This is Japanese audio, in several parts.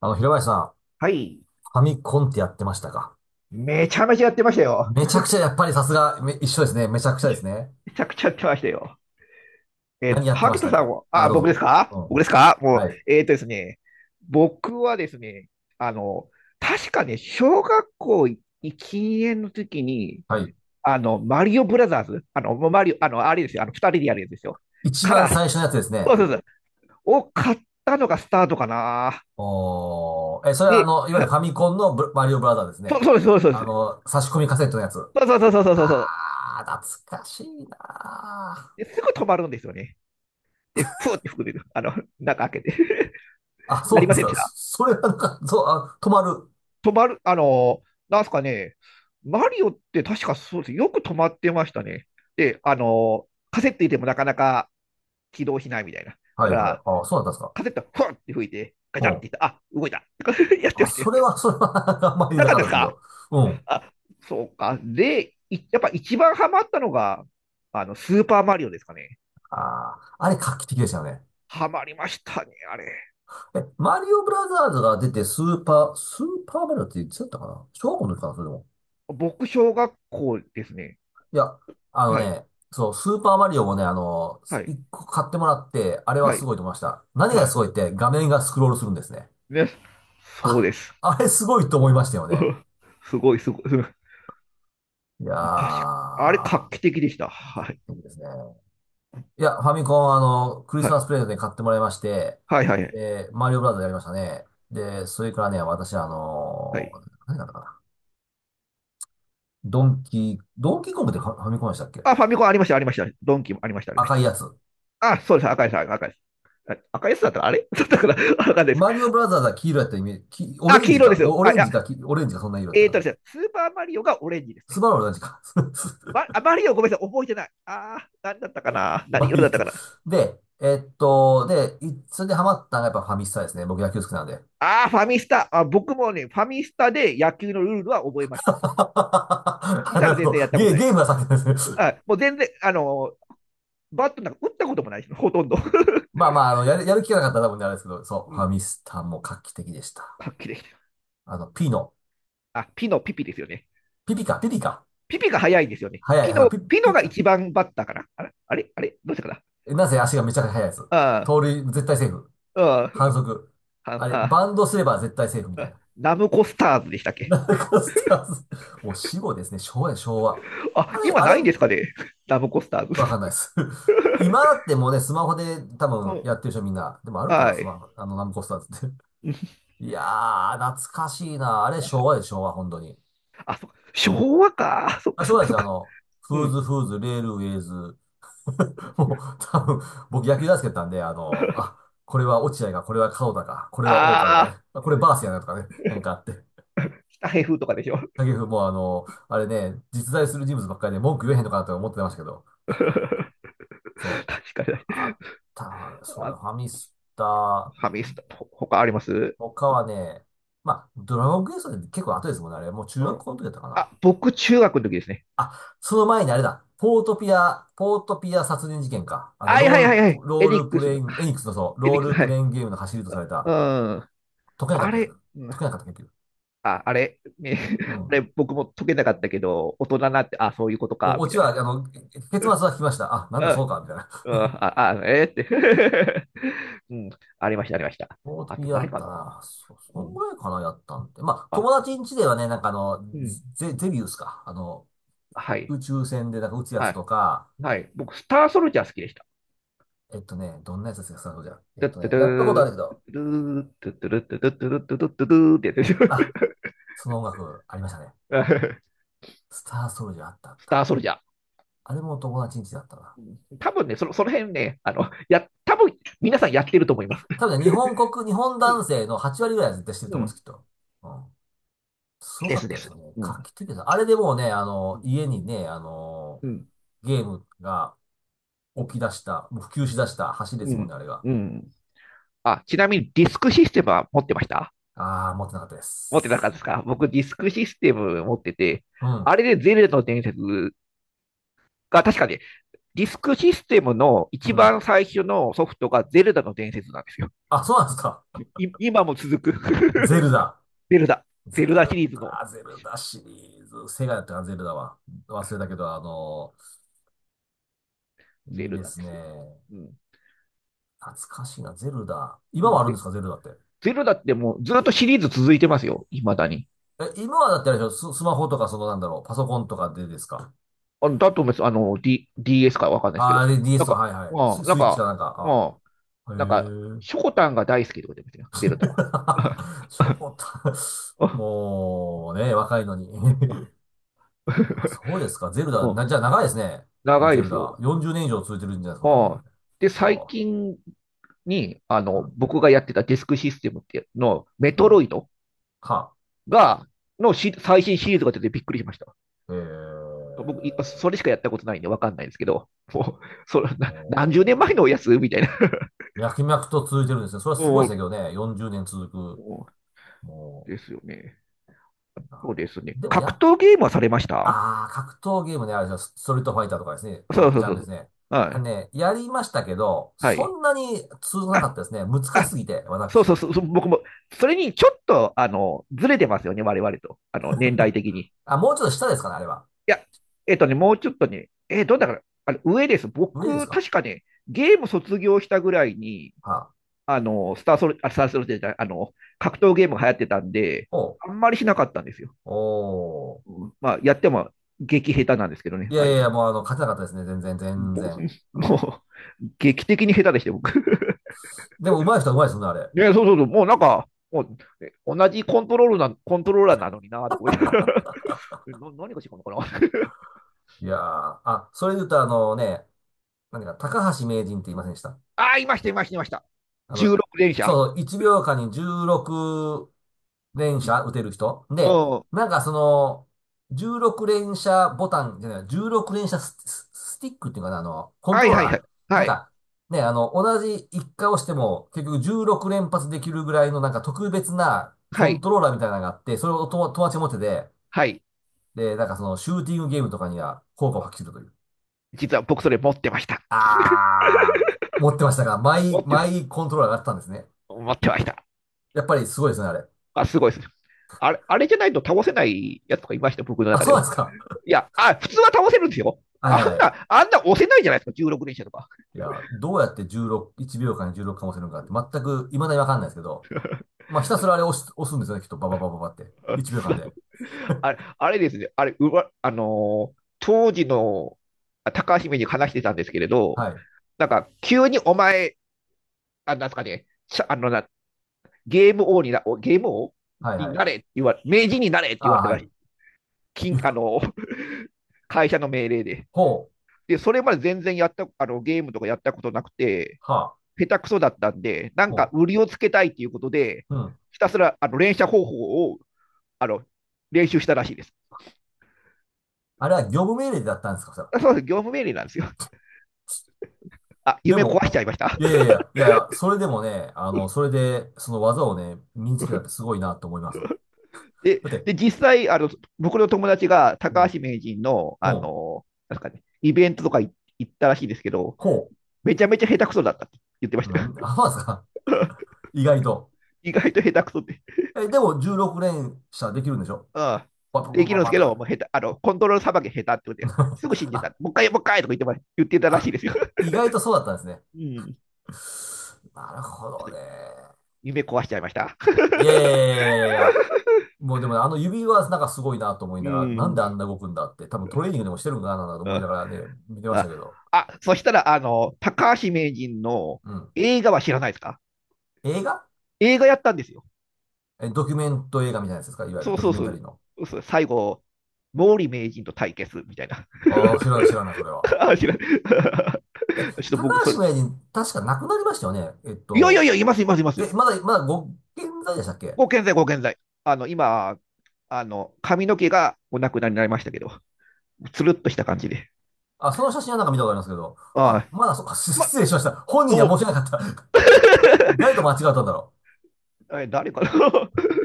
平林さん、はい。ファミコンってやってましたか？めちゃめちゃやってましたよ。めちゃくちゃ、やっぱりさすが、一緒ですね。めちゃくちゃですね。めちゃくちゃやってましたよ。何やってま萩し田たさんか？は、あ、あ、どう僕ですぞ。か？うん。僕ですか？もう、はい。ですね、僕はですね、あの、確かね、小学校禁煙の時に、はい。マリオブラザーズ、もうマリオ、あれですよ、二人でやるやつですよ。一か番ら、最初のやつですそね。うそうそう、を買ったのがスタートかな。おー。え、それはで、いわゆるファミコンのマリオブラザーですそうね。そうです、そうです、そうであす。の、差し込みカセットのやつ。そうそうそうそうそうそう。あー、懐かしいなー。ですぐ止まるんですよね。で、ふーって吹く、中開けて、あ、そうやなりんでますせん？か。それはなんか、そう、あ、止まる。止まる、なんすかね、マリオって確かそうです。よく止まってましたね。で、カセット入れてもなかなか起動しないみたいな。はだいかはい。ら、あ、そうだったんですか。カセット、ふわって吹いて、ガうチャンってん。いった、あ、動いた。やってあ、ましたよ。それは、それは あんまりななかったかっでたですすけか？ど。うん。あ、そうか。で、やっぱ一番ハマったのが、スーパーマリオですかね。ああ、あれ画期的でしたよね。ハマりましたね、あれ。え、マリオブラザーズが出てスーパー、スーパーマリオっていつやったかな、小学校の時かな、それでも。僕、小学校ですね。いや、あのはい、ね、そう、スーパーマリオもね、あの、はい、一個買ってもらって、あれははすい、ごいと思いました。何がはい。すごいって、画面がスクロールするんですね。ね、そうあ、です。あれすごいと思いましたよね。すごい、すごい。いや確か、あれ、画ー、期的でした。はい。いいですね。いや、ファミコン、あの、クリはスマい。スプレゼントに買ってもらいまして、はい、はい、で、マリオブラザーズやりましたね。で、それからね、私、あはの、い。何だったかな。ドンキー、ドンキーコングってファファミコンでしたっけ？あ、ファミコンありました、ありました。ドンキもありました、ありまし赤た。いやつ。あ、そうです。赤いです、赤いです。あ、赤いやつだったらあれだ ったから、わかんないです。マリオブラザーズは黄色やったイメージ、オあ、レン黄ジ色でか、すよ。オあ、レいンや、ジか、オレンジか、そんな色やったかでな。すね、スーパーマリオがオレンジですスね。バルはオレンジか。ま、あ、マリオごめんなさい、覚えてない。あー、何だったかな？何まあい色いだっでたかな？す。で、えっと、で、それでハマったのがやっぱファミスタですね。僕野球好きなんで。あー、ファミスタ。あ、僕もね、ファミスタで野球のルールは覚えま した。実あ、際なるは全ほど。然やったこゲ、とないでゲーす。ムが先ですね。あ、もう全然、ーバットなんか打ったこともないです。ほとんど。まあまあ、あの、やる、やる気がなかったら多分ねあれですけど、そう、うフん、ァミスタも画期的でした。はっきりでした。あの、ピノ。あ、ピのピピですよね。ピピか、ピピか。ピピが早いんですよね。速い、ピあの、ノ、ピ、ピノピがか。一番バッターかな。あれあれあれどうしたかな？なぜ足がめちゃくちゃ速いやつ。あ盗塁、絶対セーフ。あ、あ反則。あ、あれ、あ、バンドすれば絶対セーフみたいな。ナムコスターズでしたっけ？ナムコスターズ。もう死後ですね。昭和や、昭和。あ、あれ、今あないんれ、ですかね？ ナムコスターズ。わかんないです。今だってもうね、スマホで多分やってる人みんな。でもあるはか、スマい。ホ、あの、ナムコスターズって。いやー、懐かしいな。あれ、昭和で昭和、本当に。あ、そっか。昭和か。そっあ、か昭そっ和かですそっよ。あか。の、うフーズん。フーズ、レールウェイズ。もう、多分、僕野球大好きだったんで、あの、あ、これは落合か、これは門田か、これは大川とあかあ、ね、あこれバースやなとかね、なんかあって。北平風とかでしょ。影 風もあの、あれね、実在する人物ばっかりで文句言えへんのかなと思ってましたけど、確そう、かに。あった、そうあ、だ、フファミスタ、ァミスタ、他あります？他ほはね、まあ、ドラゴンクエストで結構後ですもんね、あれ、もう中う学ん。校の時だったかあ、な。僕、中学の時ですね。あ、その前にあれだ、ポートピア、ポートピア殺人事件か。あの、はいローはいはルいはプ、い。ロエーニッルクプスレの、イあ、ン、エニックスのそう、エニローックス、ルはプレい。インゲームの走りとされうた、ん。解けなかあったですけれ、ど、う解けん。なかった結局。あ、あれ、ね、う あれ、ん。僕も解けなかったけど、大人になって、あ、そういうことか、オみチたいは、な。あの、結末はう聞きました。あ、なんだん、そうか、みたいな。うん、あ、あ、えーって うん、ありました、ありました。ボートあピと、アだ何っかたな？な。そ、そうんん、ぐらいかな、やったんって。まあ、あ、友達ん家ではね、なんかあの、うん、ゼ、ゼビウスか。あの、はい、宇宙船でなんか撃つやはつとい、か、はい。僕、スターソルジャー好きでした。えっとね、どんなやつですか、スターソルジャー。えっトゥッとトゥね、ドやったことあゥるー、けど、ドゥドゥドゥドゥドゥドゥドゥドゥドゥドゥっあ、てその音楽ありましたね。やつでしょ？ スターソルジャーあったあっ スた。ターソルジャー。あれも友達ん家だったな。うん、多分ね、その、その辺ね、多分、皆さんやってると思います。多分ね、日本国、日本う男ん。性の8割ぐらいは絶対してるとう思うんでん、す、きっと。うん。すごでかっすでたです。すよね。う画ん。期的です。あれでもうね、あうの、ん家にね、あの、うん。ゲームがう起きん。出した、もう普及し出した橋ですうもんね、あん。れが。うん。あ、ちなみにディスクシステムは持ってました？ああ、持ってなかったで持ってなかったす。ですか？僕、ディスクシステム持ってて、うん、あれでゼルダの伝説が確かね、ディスクシステムの一うん。番最初のソフトがゼルダの伝説なんですよ。あ、そうなんですか。今も続く ゼ ルダ。ゼルダ。ゼゼルダシルリーズのダ、ゼルダシリーズ。セガだったかな、ゼルダは。忘れたけど、あのーゼいいルでダすですね。よ。うん。懐かしいな、ゼルダ。今なはんあるんでで、すか、ゼルダって。ゼルダってもうずっとシリーズ続いてますよ。未だに。え、今はだってあれでしょ、ス、スマホとか、その、なんだろう、パソコンとかでですか。あ、だと思います。DS かわかんないですけあど。あー、で な DS んと、か、はいはい。まス、あ、なスんイッチかか、なんか。まあ、あ、へなんか、シえ。ョコタンが大好きとか言ってましたよ、ゼルダは。超た、もうね、若いのに あ、そうですか。ゼルダ、うん、な、じゃあ長いですね。もう長いゼでルすダ。よ。40年以上続いてるんじゃないですか、そうんなもん、ん。で、う最わ近に、あ、うん、僕がやってたディスクシステムっていうの、メうトロん。イドは、が、最新シリーズが出てびっくりしました。え僕、ー、それしかやったことないんでわかんないんですけど、もう、それ、何十年前ものやつみたいな。う、脈々と続いてるんですね。それはすごいうですね、んけどね。40年続うく。んもですよね。う、そあうですね。でもや格っ、闘ゲームはされました？ああ、格闘ゲームね、あれですよ、ストリートファイターとかですね、そうのそジうャそンうルそですね。う。はあのい。ね、やりましたけど、はい。そんなに通じなかあ、ったですね。難しあ、すぎて、そうそう私。そう、僕も、それにちょっと、ずれてますよね、我々と、年代的に。いあ、もうちょっと下ですかね、あれは。や、もうちょっとね、だから、あの上です。上です僕、か？確かね、ゲーム卒業したぐらいに、はあ。スターソル、あ、スターソルジャーじゃない、格闘ゲームが流行ってたんで、おう。あんまりしなかったんですよ。おう。うん、まあ、やっても、激下手なんですけどね、いやあ、いやい今。や、もうあの、勝てなかったですね。全然、う全ぼ然。うん。もう、劇的に下手でして、僕。でも、上手い人は上手いですね、あれ。ね、そうそうそう、もうなんか、もう、同じコントローラーなのにな、とか思いながら。何が違うのかな？ いやー。あ、それで言うと、あのね、何か、高橋名人って言いませんでした？ あー、いました、いました、いました。あの、16連射。そうそう、1秒間に16連うん。射打てる人。で、うんなんかその、16連射ボタンじゃない、16連射ス、ススティックっていうかな、あの、コンはトいローはいはい。ラーなはんい。か、ね、あの、同じ一回押しても、結局16連発できるぐらいのなんか特別なコはンい。トローラーみたいなのがあって、それを友達持ってて、はい。で、なんかその、シューティングゲームとかには効果を発揮するという。実は僕それ持ってました。あー、持ってましたが、マ持イ、ってまマした。イコントローラーがあったんですね。持ってました。やっぱりすごいですね、あれ。あ、すごいです。あれ、あれじゃないと倒せないやつとかいました、僕のあ、中でそうなんは。ですか。いや、あ、普通は倒せるんですよ。はあいはんいはい。な、あんな押せないじゃないですか、16連射とか。いや、どうやって16、1秒間に16かもせるのかって全く未だにわかんないですけど、まあ、ひたすらあれ押す、押すんですよね、きっと。バババババって。あ、1秒そ間う、で。あれ、あれですね、あれ、うわ、当時の、あ、高橋名人に話してたんですけれど、はい。なんか、急にお前、あ、なんですかね、あのなゲーム王にゲーム王はいにはい。なれって言われ、名人になれってあ言わあ、れたはらしい。い。金あゆ、の 会社の命令で。ほう、で、それまで全然やった、ゲームとかやったことなくて、は、下手くそだったんで、なんほか売りをつけたいっていうことで、う、うん。ひたすら、連射方法を、あの、練習したらしいです。あれは業務命令だったんですか、それは？そうです、業務命令なんですよ。あ、で夢壊も、しちゃいました。いやいやいや、いやいや、それでもね、あの、それで、その技をね、身につけたってすごいなと思います。で、だって、で実際、僕の友達がうん、う高ん、橋名人の、ほなんですかね、イベントとか行ったらしいですけど、めちゃめちゃ下手くそだったって言ってましう。たなよ。ん、あ、まですか？意外と。意外と下手くそって。え、でも16連射できるんでしょ？ああ、パパでパきパるんですパけとかど、で。もう下手、コントロールさばき下手ってことです ぐ死んでた。あ、もう一回、もう一回とか言ってたらしいあ、ですよ。意外とそうだったんですね。うん。なるほどね。夢壊しちゃいました。いやいやいやいやいやいや。もうでもねあの指はなんかすごいなと思いうながら、なんであん。んな動くんだって、多分トレーニングでもしてるのかなと思いあ、ながらね、見てましたあ、けど。あ、そしたら、高橋名人のうん。映画は知らないですか？映画？映画やったんですよ。え、ドキュメント映画みたいなやつですか？いわゆるそうドキそュうメンそタリーう。の。そう、最後、毛利名人と対決みたいな。ああ、知らない知らない、それは。あ、知らない。え、ちょっと高僕、そ橋れ、名人、確か亡くなりましたよね。えっいやいやいと、や、いますいますいます。え、まだ、まだご健在でしたっけ？ご健在、ご健在。今、髪の毛がお亡くなりになりましたけど、つるっとした感じで。あ、その写真はなんか見たことありますけど。はまい。あ、まだそっか、ま、失礼しました。本人どにうはも。申し訳なかった。誰と間違ったんだろえ、誰かな？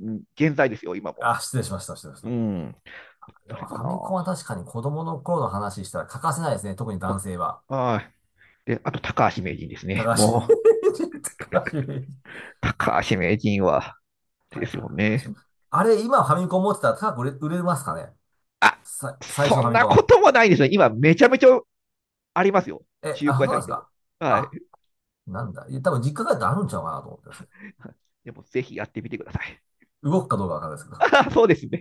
うん、健在ですよ、今う。も。あ、失礼しました、失礼しうましん。た。でも誰フかァな？ミコンは確かに子供の頃の話したら欠かせないですね。特にあ、男性は。はい。で、あと、高橋名人です高ね。橋 もう、人高橋名人高橋名人は、で高すよね。橋。あれ、今ファミコン持ってたら高く売れ、売れますかね？あ、さ、最初そのファんミなコことン。もないですね。今、めちゃめちゃありますよ。え、中あ、古そう屋さなんんで行っすても。か？はあ、い。なんだ。いや、多分実家帰ったらあるんちゃうかなと思ってますね。でも、ぜひやってみてください。動くかどうかわかんないですけ ど。あ、そうですね。